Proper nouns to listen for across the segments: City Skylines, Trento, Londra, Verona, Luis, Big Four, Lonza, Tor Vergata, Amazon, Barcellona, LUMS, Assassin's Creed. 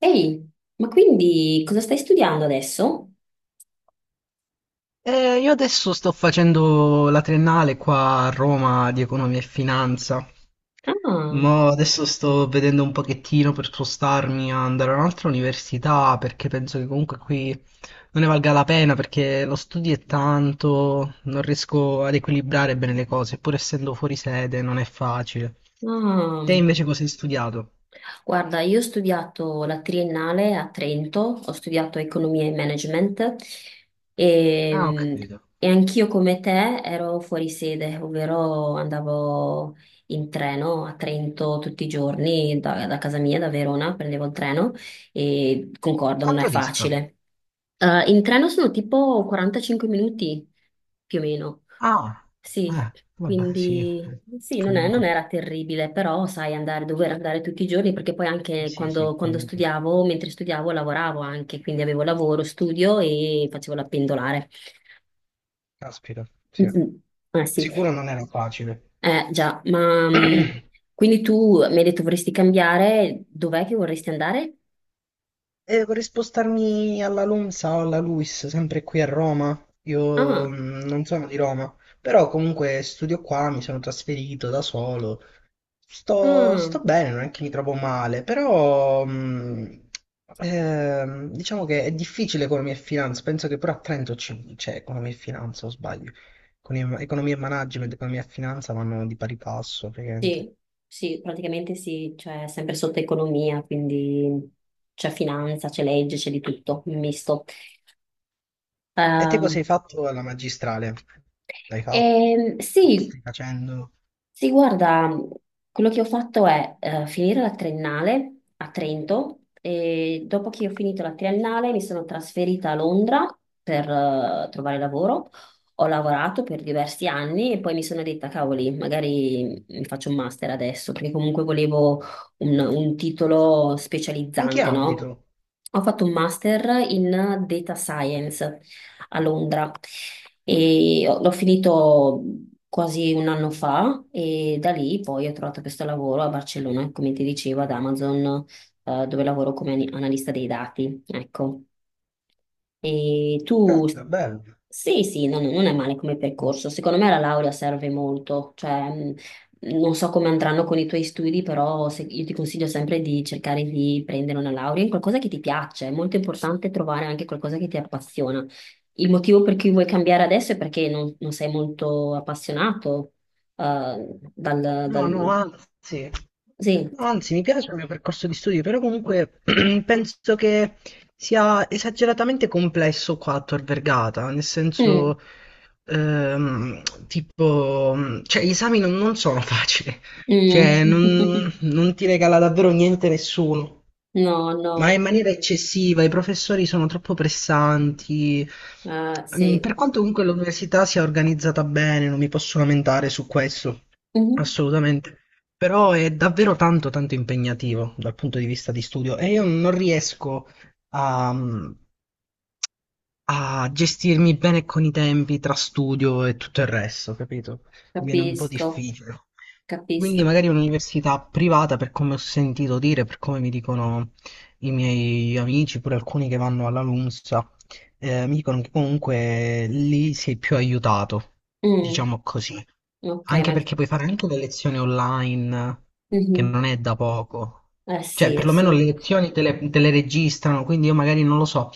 Ehi, ma quindi cosa stai studiando adesso? Io adesso sto facendo la triennale qua a Roma di economia e finanza. Ah, Mo adesso sto vedendo un pochettino per spostarmi a andare a un'altra università perché penso che comunque qui non ne valga la pena perché lo studio è tanto, non riesco ad equilibrare bene le cose, pur essendo fuori sede non è facile. ah. Te invece cosa hai studiato? Guarda, io ho studiato la triennale a Trento, ho studiato economia e management Ah, ho e, capito. e anch'io come te ero fuori sede, ovvero andavo in treno a Trento tutti i giorni, da casa mia, da Verona, prendevo il treno e concordo, non è Quanto dista? facile. In treno sono tipo 45 minuti più o meno. Ah, Sì, vabbè, sì, quindi sì, non è- comunque. non era terribile, però sai andare, dover andare tutti i giorni, perché poi Eh anche sì, sì, quando comunque. studiavo, mentre studiavo lavoravo anche, quindi avevo lavoro, studio e facevo la pendolare. Caspita, sì. Mm-mm. Ah Sicuro sì, non era facile. Già, ma quindi tu mi hai detto vorresti cambiare, dov'è che vorresti andare? E vorrei spostarmi alla Lonza o alla Luis, sempre qui a Roma. Io Ah, non sono di Roma, però comunque studio qua, mi sono trasferito da solo. Sto, ah, sto bene, non è che mi trovo male, però diciamo che è difficile economia e finanza. Penso che pure a Trento c'è economia e finanza, o sbaglio. Economia e management, economia e finanza vanno di pari passo, praticamente. sì, sì, praticamente sì, cioè sempre sotto economia, quindi c'è finanza, c'è legge, c'è di tutto, un misto. E te cosa hai Ehm, fatto alla magistrale? L'hai fatto? Lo sì, stai facendo? sì, guarda, quello che ho fatto è finire la triennale a Trento e dopo che ho finito la triennale mi sono trasferita a Londra per trovare lavoro. Ho lavorato per diversi anni e poi mi sono detta, cavoli, magari mi faccio un master adesso, perché comunque volevo un titolo In che specializzante, no? ambito? Ho fatto un master in data science a Londra e ho- l'ho finito quasi un anno fa e da lì poi ho trovato questo lavoro a Barcellona, come ti dicevo, ad Amazon, dove lavoro come ani- analista dei dati, ecco. E tu, Caspita, bello. sì, sì, no, no, non è male come percorso. Secondo me la laurea serve molto. Cioè, mh, non so come andranno con i tuoi studi, però se- io ti consiglio sempre di cercare di prendere una laurea in qualcosa che ti piace. È molto importante trovare anche qualcosa che ti appassiona. Il motivo per cui vuoi cambiare adesso è perché non sei molto appassionato, eh, dal, No, no, dal... anzi, Sì. no, anzi, mi piace il mio percorso di studio, però comunque penso che sia esageratamente complesso qua a Tor Vergata, nel Mm, senso, ehm, tipo, cioè, gli esami non sono facili, cioè, mm. Non ti regala davvero niente nessuno. No, Ma no, in maniera eccessiva, i professori sono troppo pressanti. Sì, Per quanto comunque l'università sia organizzata bene, non mi posso lamentare su questo, Mhm, assolutamente. Però è davvero tanto, tanto impegnativo dal punto di vista di studio e io non riesco a, a gestirmi bene con i tempi tra studio e tutto il resto, capito? Mi viene un po' Capisco. difficile. Quindi Capisco. magari un'università privata, per come ho sentito dire, per come mi dicono i miei amici, pure alcuni che vanno alla LUMS, mi dicono che comunque lì sei più aiutato, Mm, diciamo così. ok, Anche ma... perché puoi fare anche le lezioni online, che Mhm. non è da poco. Cioè, Sì, eh perlomeno sì, le lezioni te le registrano, quindi io magari non lo so.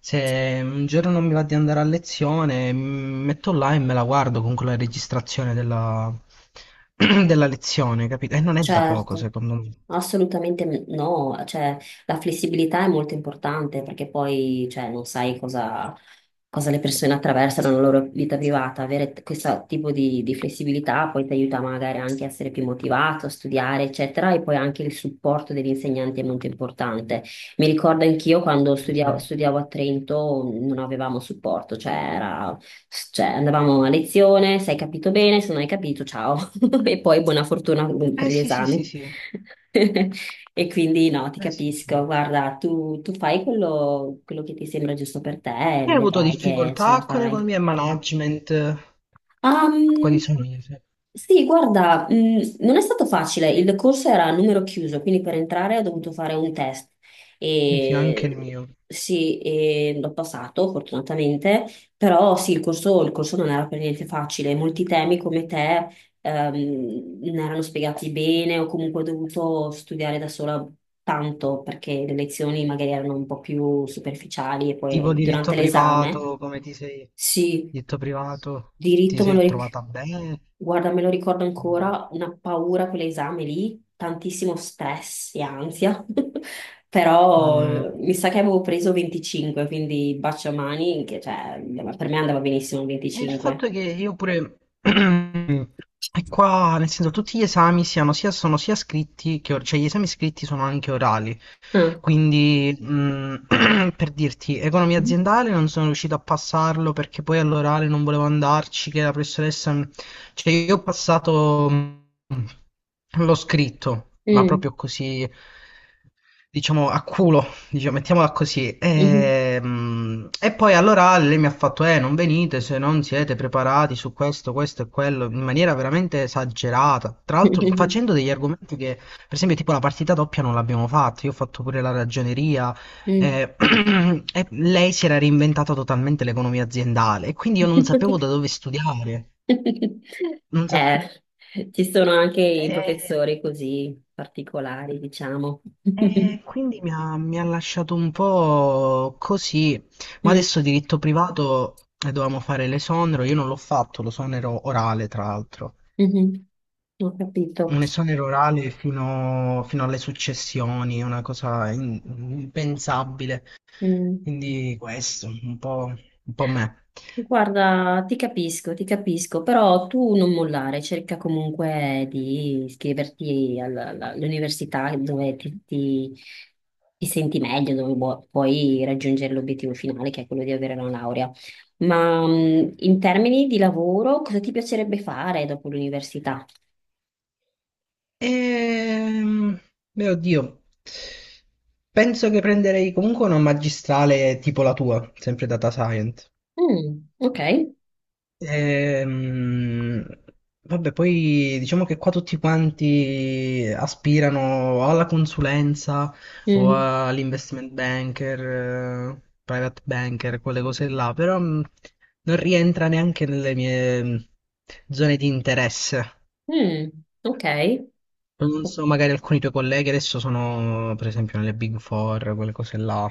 Se un giorno non mi va di andare a lezione, mi metto là e me la guardo comunque la registrazione della, della lezione, capito? E non è da poco, certo. secondo me. Assolutamente me- no, cioè la flessibilità è molto importante perché poi cioè, non sai cosa, cosa le persone attraversano nella loro vita privata. Avere t- questo tipo di flessibilità poi ti aiuta magari anche a essere più motivato, a studiare, eccetera, e poi anche il supporto degli insegnanti è molto importante. Mi ricordo anch'io quando Sì, sì. studiavo, studiavo a Trento non avevamo supporto, cioè, era- cioè, andavamo a lezione, se hai capito bene, se non hai capito, ciao, e poi buona fortuna per Eh gli sì, sì, sì, esami. sì. E quindi no, ti Eh sì, capisco. sì. Guarda, tu fai quello che ti sembra giusto per te e Hai avuto vedrai che ce la difficoltà con farai. economia e management? Quali Ehm, sono gli esempi? sì, guarda, non è stato facile, il corso era a numero chiuso, quindi per entrare ho dovuto fare un test Sì, sì, anche il e mio. sì, e l'ho passato fortunatamente, però sì, il corso non era per niente facile, molti temi come te non erano spiegati bene o comunque ho dovuto studiare da sola tanto perché le lezioni magari erano un po' più superficiali e Tipo poi durante diritto l'esame, privato, come ti sei... sì. Diritto privato, ti Diritto me lo sei ricordo. trovata bene? Guarda, me lo ricordo Mm. ancora, una paura quell'esame lì, tantissimo stress e ansia, però Mm. mi sa che avevo preso 25, quindi baciamani, che cioè, per me andava benissimo il E il 25. fatto è che io pure... E qua, nel senso, tutti gli esami sono sia scritti che... Cioè, gli esami scritti sono anche orali. Ah. Quindi, per dirti, economia aziendale non sono riuscito a passarlo perché poi all'orale non volevo andarci, che la professoressa... Cioè, io ho passato... l'ho scritto, ma Mm. proprio così, diciamo, a culo, diciamo, mettiamola così. Mhm. E poi allora lei mi ha fatto, non venite se non siete preparati su questo, questo e quello, in maniera veramente esagerata. Tra l'altro facendo degli argomenti che per esempio, tipo la partita doppia non l'abbiamo fatta, io ho fatto pure la ragioneria Mm. eh, e lei si era reinventata totalmente l'economia aziendale e quindi io non sapevo da dove studiare. Non sa- ci sono anche i e- professori così particolari, diciamo. E quindi mi ha lasciato un po' così, ma Mm. adesso diritto privato dovevamo fare l'esonero, io non l'ho fatto, l'esonero orale tra l'altro. Mhm. Ho capito. Un esonero orale fino alle successioni, una cosa impensabile. Mm. Quindi questo, un po' me. Guarda, ti capisco, però tu non mollare, cerca comunque di iscriverti alla- alla- all'università dove ti- ti senti meglio, dove vuo- puoi raggiungere l'obiettivo finale, che è quello di avere una laurea. Ma in termini di lavoro, cosa ti piacerebbe fare dopo l'università? Ehm, mio Dio, penso che prenderei comunque una magistrale tipo la tua, sempre data science. Mm, ok, Ehm, vabbè, poi diciamo che qua tutti quanti aspirano o alla consulenza o Mm, all'investment banker, private banker, quelle cose là, però non rientra neanche nelle mie zone di interesse. mm, ok. Non ok. so, magari alcuni tuoi colleghi adesso sono, per esempio, nelle Big Four, quelle cose là.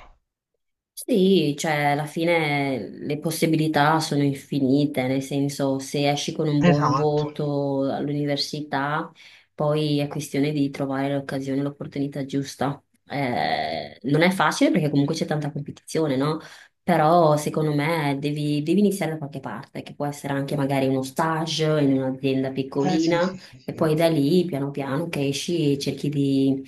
Sì, cioè alla fine le possibilità sono infinite, nel senso se esci con un buon Esatto. voto all'università, poi è questione di trovare l'occasione, l'opportunità giusta. Non è facile perché comunque c'è tanta competizione, no? Però secondo me devi iniziare da qualche parte, che può essere anche magari uno stage in un'azienda Eh sì, piccolina sì, sì, e sì. poi da lì, piano piano, che esci e cerchi di...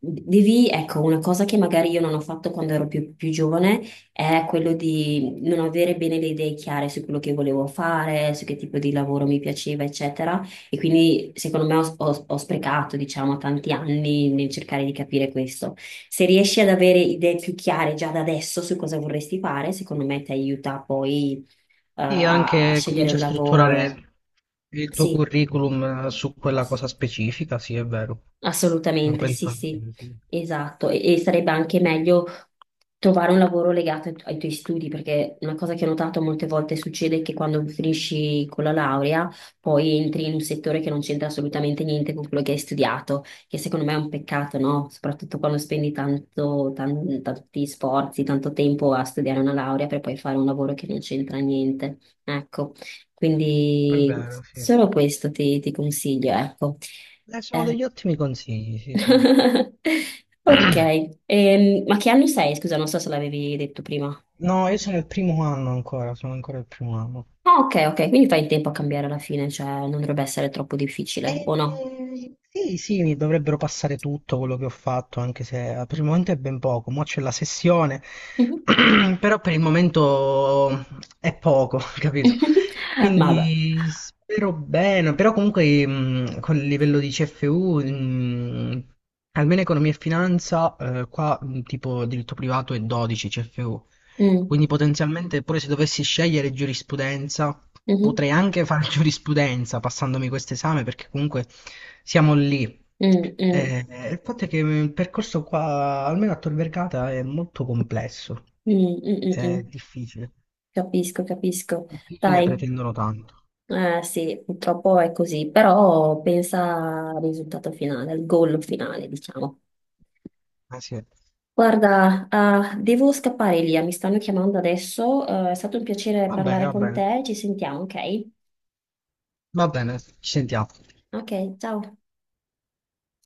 Devi, ecco, una cosa che magari io non ho fatto quando ero più, più giovane è quello di non avere bene le idee chiare su quello che volevo fare, su che tipo di lavoro mi piaceva, eccetera. E quindi, secondo me, ho sprecato, diciamo, tanti anni nel cercare di capire questo. Se riesci ad avere idee più chiare già da adesso su cosa vorresti fare, secondo me ti aiuta poi, Sì, a anche scegliere comincia un a lavoro. strutturare il tuo Sì. curriculum su quella cosa specifica, sì, è vero. Lo Assolutamente, sì, penso sì, anch'io, sì. esatto. E sarebbe anche meglio trovare un lavoro legato ai, tu- ai tuoi studi, perché una cosa che ho notato molte volte succede è che quando finisci con la laurea, poi entri in un settore che non c'entra assolutamente niente con quello che hai studiato, che secondo me è un peccato, no? Soprattutto quando spendi tanto, tan- tanti sforzi, tanto tempo a studiare una laurea per poi fare un lavoro che non c'entra niente. Ecco, È quindi vero, sì. Solo questo ti consiglio, ecco. Sono Eh, degli ottimi consigli, sì, sì. ok, ma che anno sei? Scusa, non so se l'avevi detto prima. No, io sono il primo anno ancora, sono ancora il primo anno. Ah, ok, ok, quindi fai in tempo a cambiare alla fine, cioè non dovrebbe essere troppo difficile, o no? E sì, sì, mi dovrebbero passare tutto quello che ho fatto, anche se per il momento è ben poco. Mo' c'è la sessione, Mhm. però per il momento è poco, capito? Eh. Ma vabbè. Quindi spero bene, però comunque con il livello di CFU, almeno economia e finanza, qua tipo diritto privato è 12 CFU. Mm, Quindi potenzialmente pure se dovessi scegliere giurisprudenza, mhm, potrei anche fare giurisprudenza passandomi questo esame perché comunque siamo lì. mm, mm, Eh, il fatto è che il percorso qua, almeno a Tor Vergata, è molto complesso, mm, mm, mm, è mm. difficile. Capisco, capisco. Difficile e Dai, pretendono tanto. Sì, purtroppo è così, però pensa al risultato finale, al goal finale, diciamo. Eh sì. Guarda, ah, devo scappare, Elia, mi stanno chiamando adesso. Eh, è stato un piacere Va bene, parlare va con bene. te, ci sentiamo, ok? Va bene, ci sentiamo. Ok, ciao.